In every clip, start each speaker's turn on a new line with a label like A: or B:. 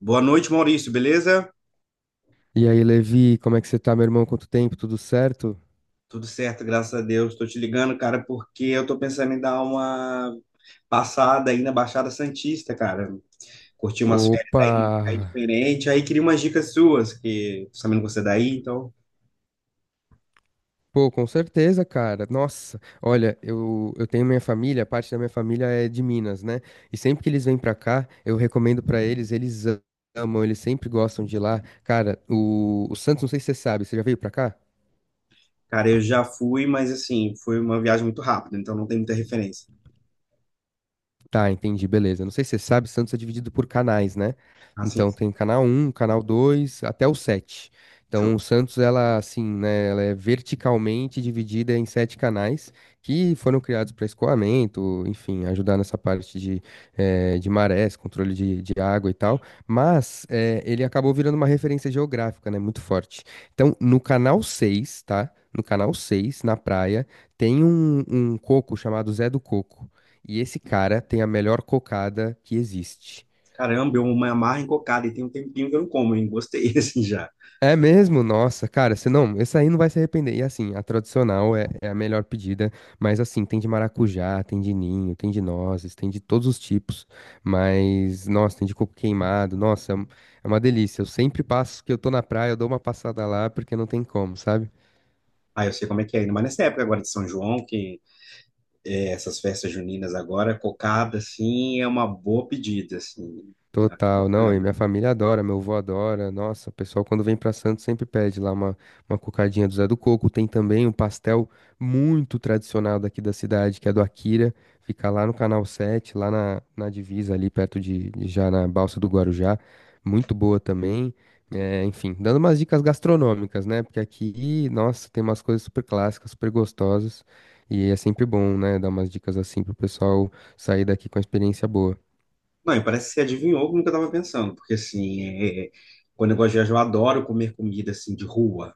A: Boa noite, Maurício, beleza?
B: E aí, Levi, como é que você tá, meu irmão? Quanto tempo? Tudo certo?
A: Tudo certo, graças a Deus. Estou te ligando, cara, porque eu tô pensando em dar uma passada aí na Baixada Santista, cara. Curtir umas férias
B: Opa!
A: aí, aí diferente. Aí queria umas dicas suas, que tô sabendo que você é daí, então.
B: Pô, com certeza, cara. Nossa, olha, eu tenho minha família, parte da minha família é de Minas, né? E sempre que eles vêm pra cá, eu recomendo pra eles, eles amam, eles sempre gostam de lá. Cara, o Santos, não sei se você sabe, você já veio pra cá?
A: Cara, eu já fui, mas assim, foi uma viagem muito rápida, então não tem muita referência.
B: Tá, entendi, beleza. Não sei se você sabe, Santos é dividido por canais, né?
A: Assim,
B: Então tem canal um, canal dois, até o sete. Então
A: show.
B: o Santos, ela assim, né, ela é verticalmente dividida em sete canais que foram criados para escoamento, enfim, ajudar nessa parte de marés, controle de água e tal. Mas ele acabou virando uma referência geográfica, né, muito forte. Então no canal seis, tá? No canal 6 na praia, tem um coco chamado Zé do Coco. E esse cara tem a melhor cocada que existe.
A: Caramba, eu me amarro em cocada e tem um tempinho que eu não como, hein? Gostei, assim, já.
B: É mesmo? Nossa, cara, você não, esse aí não vai se arrepender. E assim, a tradicional é a melhor pedida, mas assim, tem de maracujá, tem de ninho, tem de nozes, tem de todos os tipos. Mas, nossa, tem de coco queimado, nossa, é uma delícia. Eu sempre passo que eu tô na praia, eu dou uma passada lá porque não tem como, sabe?
A: Aí eu sei como é que é, ainda mais nessa época agora de São João, que é, essas festas juninas agora, cocada, assim, é uma boa pedida, assim. Acho
B: Total, não, e
A: bacana.
B: minha família adora, meu avô adora. Nossa, o pessoal quando vem pra Santos sempre pede lá uma cocadinha do Zé do Coco. Tem também um pastel muito tradicional daqui da cidade, que é do Akira. Fica lá no Canal 7, lá na divisa ali, perto de já na Balsa do Guarujá. Muito boa também. É, enfim, dando umas dicas gastronômicas, né? Porque aqui, nossa, tem umas coisas super clássicas, super gostosas. E é sempre bom, né? Dar umas dicas assim pro pessoal sair daqui com a experiência boa.
A: Não, e parece que você adivinhou como que eu tava pensando, porque, assim, quando eu gosto de viajar, eu adoro comer comida, assim, de rua.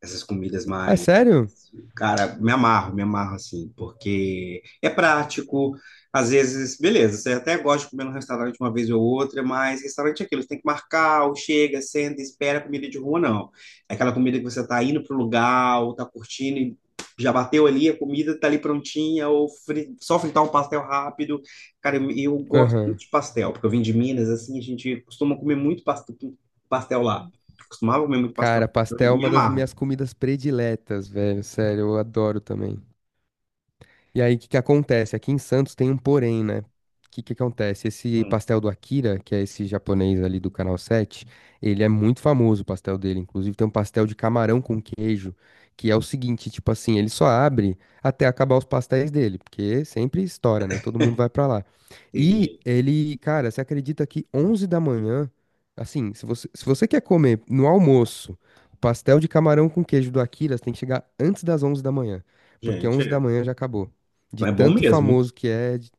A: Essas comidas
B: Ah, é
A: mais...
B: sério?
A: Cara, me amarro assim, porque é prático. Às vezes, beleza, você até gosta de comer no restaurante uma vez ou outra, mas restaurante é aquilo, você tem que marcar, ou chega, senta, espera. Comida de rua, não. É aquela comida que você tá indo pro lugar, ou tá curtindo e já bateu ali, a comida tá ali prontinha, ou só fritar um pastel rápido. Cara, eu gosto muito
B: Aham.
A: de pastel, porque eu vim de Minas, assim, a gente costuma comer muito pastel, pastel lá. Costumava comer muito pastel,
B: Cara,
A: então
B: pastel
A: eu
B: é
A: me
B: uma das
A: amarro.
B: minhas comidas prediletas, velho. Sério, eu adoro também. E aí, o que que acontece? Aqui em Santos tem um porém, né? O que que acontece? Esse
A: Hum,
B: pastel do Akira, que é esse japonês ali do Canal 7, ele é muito famoso, o pastel dele. Inclusive, tem um pastel de camarão com queijo, que é o seguinte, tipo assim, ele só abre até acabar os pastéis dele, porque sempre estoura, né? Todo mundo vai pra lá. E
A: entendi.
B: ele, cara, você acredita que 11 da manhã, assim, se você quer comer no almoço o pastel de camarão com queijo do Akira, você tem que chegar antes das 11 da manhã, porque
A: Gente,
B: 11 da
A: é.
B: manhã já acabou. De
A: Então é bom
B: tanto
A: mesmo, hein?
B: famoso que é.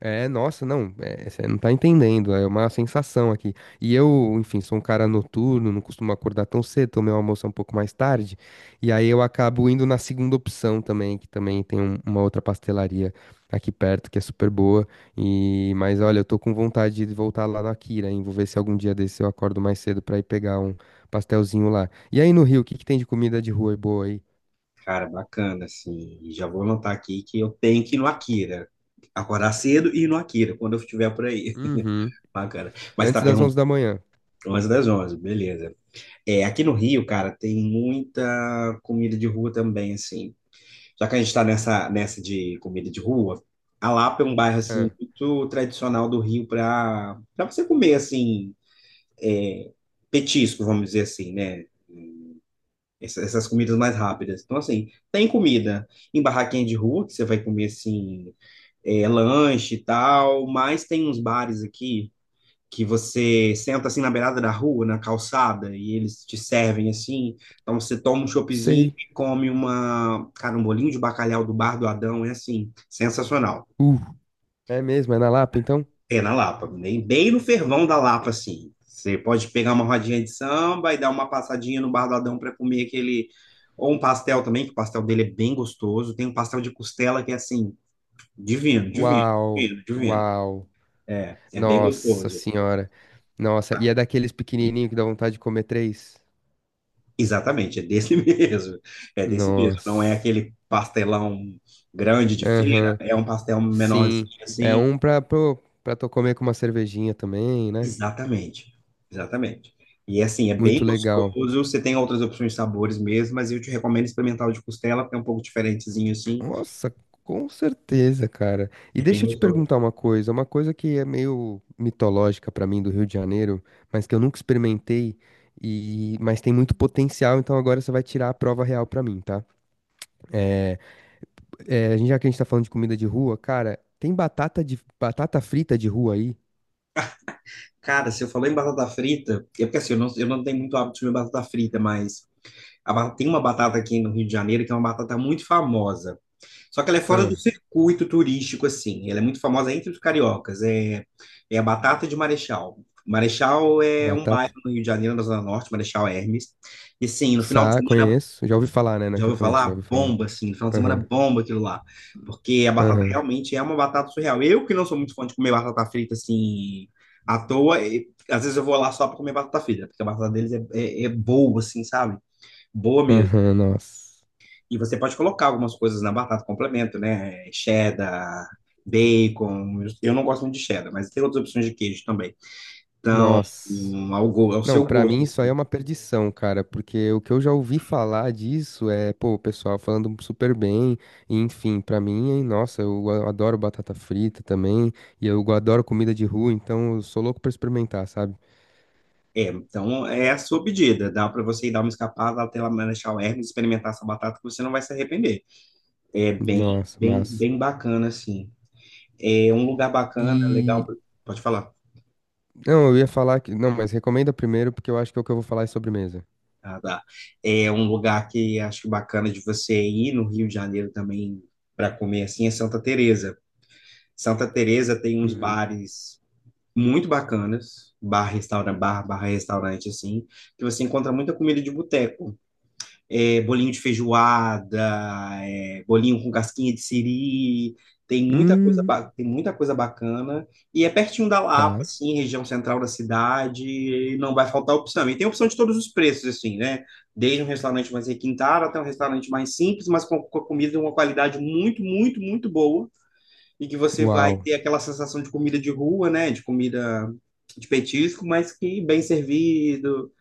B: É, nossa, não, é, você não tá entendendo, é uma sensação aqui. E eu, enfim, sou um cara noturno, não costumo acordar tão cedo, tomo meu almoço é um pouco mais tarde, e aí eu acabo indo na segunda opção também, que também tem uma outra pastelaria aqui perto, que é super boa, e, mas olha, eu tô com vontade de voltar lá na Kira, hein, vou ver se algum dia desse eu acordo mais cedo pra ir pegar um pastelzinho lá. E aí no Rio, o que que tem de comida de rua boa aí?
A: Cara, bacana, assim. E já vou anotar aqui que eu tenho que ir no Akira. Acordar cedo e ir no Akira, quando eu estiver por aí.
B: Uhum,
A: Bacana. Mas tá
B: antes das 11
A: perguntando,
B: da manhã.
A: onze, das 11, beleza. É, aqui no Rio, cara, tem muita comida de rua também, assim. Já que a gente tá nessa de comida de rua, a Lapa é um bairro, assim,
B: Ah,
A: muito tradicional do Rio pra você comer, assim, é, petisco, vamos dizer assim, né? Essas comidas mais rápidas. Então, assim, tem comida em barraquinha de rua, que você vai comer, assim, é, lanche e tal, mas tem uns bares aqui que você senta, assim, na beirada da rua, na calçada, e eles te servem, assim. Então, você toma um choppzinho
B: sei.
A: e come uma, cara, um bolinho de bacalhau do Bar do Adão, é, assim, sensacional.
B: Uh, é mesmo? É na Lapa, então?
A: É na Lapa, bem, bem no fervão da Lapa, assim. Você pode pegar uma rodinha de samba e dar uma passadinha no Bar do Adão para comer aquele. Ou um pastel também, que o pastel dele é bem gostoso. Tem um pastel de costela que é assim, divino, divino,
B: Uau,
A: divino, divino.
B: uau.
A: É, é bem
B: Nossa
A: gostoso.
B: senhora. Nossa,
A: Tá?
B: e é daqueles pequenininhos que dá vontade de comer três?
A: Exatamente, é desse mesmo. É desse mesmo. Não é
B: Nossa.
A: aquele pastelão grande de feira,
B: Aham,
A: é um pastel menorzinho
B: sim. É
A: assim.
B: um pra tu comer com uma cervejinha também, né?
A: Exatamente, exatamente. E é assim, é bem
B: Muito legal.
A: gostoso. Você tem outras opções de sabores mesmo, mas eu te recomendo experimentar o de costela, porque é um pouco diferentezinho assim,
B: Nossa, com certeza, cara. E
A: é bem
B: deixa eu te
A: gostoso.
B: perguntar uma coisa que é meio mitológica pra mim do Rio de Janeiro, mas que eu nunca experimentei, e mas tem muito potencial, então agora você vai tirar a prova real pra mim, tá? É, é, já que a gente tá falando de comida de rua, cara, tem batata frita de rua aí?
A: Cara, você falou em batata frita, é porque assim, eu não tenho muito hábito de comer batata frita, mas tem uma batata aqui no Rio de Janeiro que é uma batata muito famosa. Só que ela é fora do
B: Ah,
A: circuito turístico, assim. Ela é muito famosa entre os cariocas. É, é a batata de Marechal. Marechal é um
B: batata.
A: bairro no Rio de Janeiro, na Zona Norte, Marechal Hermes. E sim, no final de
B: Sa,
A: semana...
B: conheço. Já ouvi falar, né? Não é
A: Já
B: que eu
A: ouviu
B: conheço,
A: falar?
B: já ouvi falar.
A: Bomba, assim, no final de semana
B: Aham,
A: bomba aquilo lá. Porque a batata
B: aham,
A: realmente é uma batata surreal. Eu que não sou muito fã de comer batata frita assim à toa, e, às vezes eu vou lá só para comer batata frita, porque a batata deles é, é boa, assim, sabe? Boa mesmo.
B: aham, nossa.
A: E você pode colocar algumas coisas na batata, complemento, né? Cheddar, bacon. Eu não gosto muito de cheddar, mas tem outras opções de queijo também. Então,
B: Nossa.
A: ao
B: Não,
A: seu
B: pra
A: gosto,
B: mim isso aí é
A: assim.
B: uma perdição, cara, porque o que eu já ouvi falar disso é, pô, o pessoal falando super bem, e enfim, pra mim, hein, nossa, eu adoro batata frita também, e eu adoro comida de rua, então eu sou louco pra experimentar, sabe?
A: É, então é a sua pedida. Dá para você ir dar uma escapada até lá Marechal Hermes, experimentar essa batata que você não vai se arrepender. É bem,
B: Nossa,
A: bem,
B: massa.
A: bem bacana, assim. É um lugar bacana, legal.
B: E
A: Pode falar.
B: Não, eu ia falar que. Não, mas recomenda primeiro, porque eu acho que é o que eu vou falar é sobremesa.
A: Ah, tá. É um lugar que acho que bacana de você ir no Rio de Janeiro também para comer assim é Santa Teresa. Santa Teresa tem uns
B: Hum.
A: bares muito bacanas, bar, restaurante, bar, barra restaurante assim, que você encontra muita comida de boteco. É, bolinho de feijoada, é, bolinho com casquinha de siri, tem muita coisa,
B: Hum,
A: tem muita coisa bacana. E é pertinho da Lapa,
B: tá.
A: assim, região central da cidade, e não vai faltar opção. E tem opção de todos os preços, assim, né? Desde um restaurante mais requintado até um restaurante mais simples, mas com a comida de uma qualidade muito, muito, muito boa. E que você vai
B: Uau.
A: ter aquela sensação de comida de rua, né? De comida de petisco, mas que bem servido,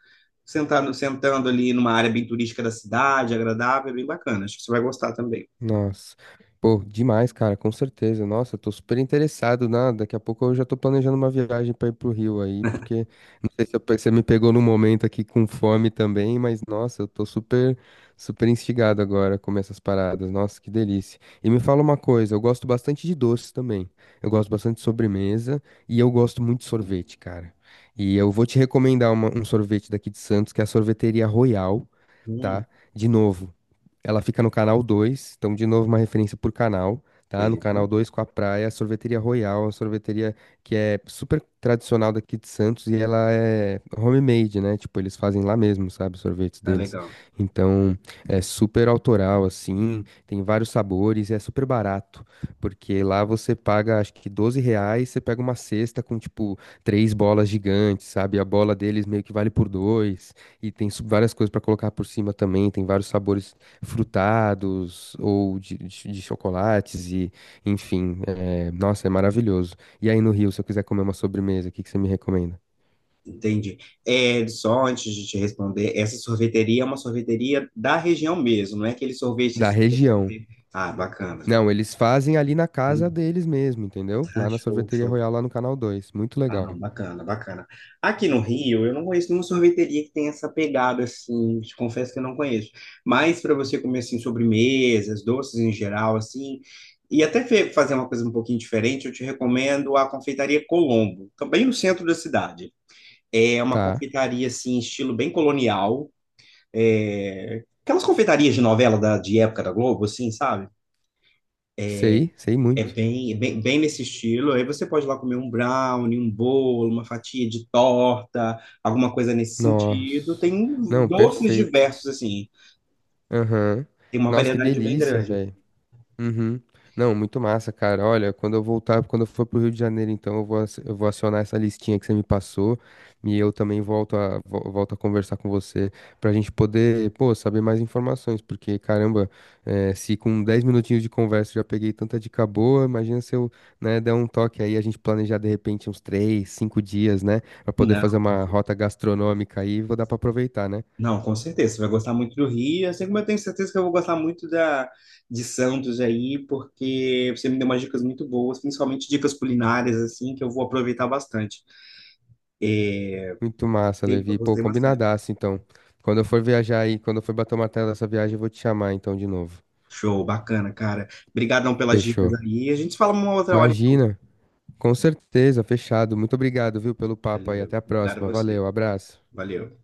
A: sentando, sentando ali numa área bem turística da cidade, agradável, bem bacana. Acho que você vai gostar também.
B: Nossa. Pô, demais, cara, com certeza. Nossa, eu tô super interessado, né? Daqui a pouco eu já tô planejando uma viagem pra ir pro Rio aí, porque não sei se você me pegou num momento aqui com fome também, mas nossa, eu tô super, super instigado agora a comer essas paradas. Nossa, que delícia. E me fala uma coisa, eu gosto bastante de doces também. Eu gosto bastante de sobremesa e eu gosto muito de sorvete, cara. E eu vou te recomendar um sorvete daqui de Santos, que é a Sorveteria Royal,
A: Hum,
B: tá? De novo. Ela fica no canal 2, então de novo uma referência por canal, tá? No
A: beleza.
B: canal 2 com a praia, a Sorveteria Royal, uma sorveteria que é super tradicional daqui de Santos e ela é homemade, né? Tipo, eles fazem lá mesmo, sabe, os sorvetes
A: Ah,
B: deles.
A: legal.
B: Então, é super autoral assim, tem vários sabores e é super barato, porque lá você paga acho que R$ 12, você pega uma cesta com tipo três bolas gigantes, sabe? A bola deles meio que vale por dois. E tem várias coisas pra colocar por cima também. Tem vários sabores frutados ou de chocolates e, enfim, é, nossa, é maravilhoso. E aí no Rio, se eu quiser comer uma sobremesa, o que que você me recomenda?
A: Entendi. É, só antes de te responder, essa sorveteria é uma sorveteria da região mesmo, não é aquele sorvete
B: Da
A: que você
B: região.
A: vê. Ah, bacana.
B: Não, eles fazem ali na casa deles mesmo, entendeu?
A: Ah,
B: Lá na
A: show,
B: Sorveteria
A: show.
B: Royal, lá no Canal Dois. Muito
A: Ah, não,
B: legal.
A: bacana, bacana. Aqui no Rio, eu não conheço nenhuma sorveteria que tenha essa pegada, assim, te confesso que eu não conheço. Mas para você comer, assim, sobremesas, doces em geral, assim, e até fazer uma coisa um pouquinho diferente, eu te recomendo a Confeitaria Colombo, também no centro da cidade. É uma
B: Tá,
A: confeitaria, assim, estilo bem colonial, é, aquelas confeitarias de novela de época da Globo, assim, sabe?
B: sei, sei muito.
A: É bem, bem nesse estilo. Aí você pode ir lá comer um brownie, um bolo, uma fatia de torta, alguma coisa nesse sentido.
B: Nossa.
A: Tem
B: Não,
A: doces
B: perfeito.
A: diversos, assim.
B: Aham.
A: Tem uma
B: Nossa, que
A: variedade bem
B: delícia,
A: grande.
B: velho. Uhum. Não, muito massa, cara. Olha, quando eu voltar, quando eu for pro Rio de Janeiro, então eu vou acionar essa listinha que você me passou e eu também volto a conversar com você pra gente poder, pô, saber mais informações, porque caramba, se com 10 minutinhos de conversa eu já peguei tanta dica boa, imagina se eu, né, der um toque aí, a gente planejar de repente uns 3 5 dias, né, pra poder
A: Não,
B: fazer uma rota gastronômica aí, vou dar pra aproveitar, né?
A: não, com certeza. Você vai gostar muito do Rio, assim como eu tenho certeza que eu vou gostar muito de Santos aí, porque você me deu umas dicas muito boas, principalmente dicas culinárias, assim, que eu vou aproveitar bastante.
B: Muito massa,
A: Gostei,
B: Levi. Pô,
A: gostei bastante.
B: combinadaço, então. Quando eu for viajar aí, quando eu for bater uma tela dessa viagem, eu vou te chamar então de novo.
A: Show, bacana, cara. Obrigadão pelas dicas
B: Fechou.
A: aí. A gente se fala uma outra hora, então.
B: Imagina. Com certeza, fechado. Muito obrigado, viu, pelo papo aí.
A: Valeu.
B: Até a
A: Obrigado a
B: próxima.
A: você.
B: Valeu, abraço.
A: Valeu.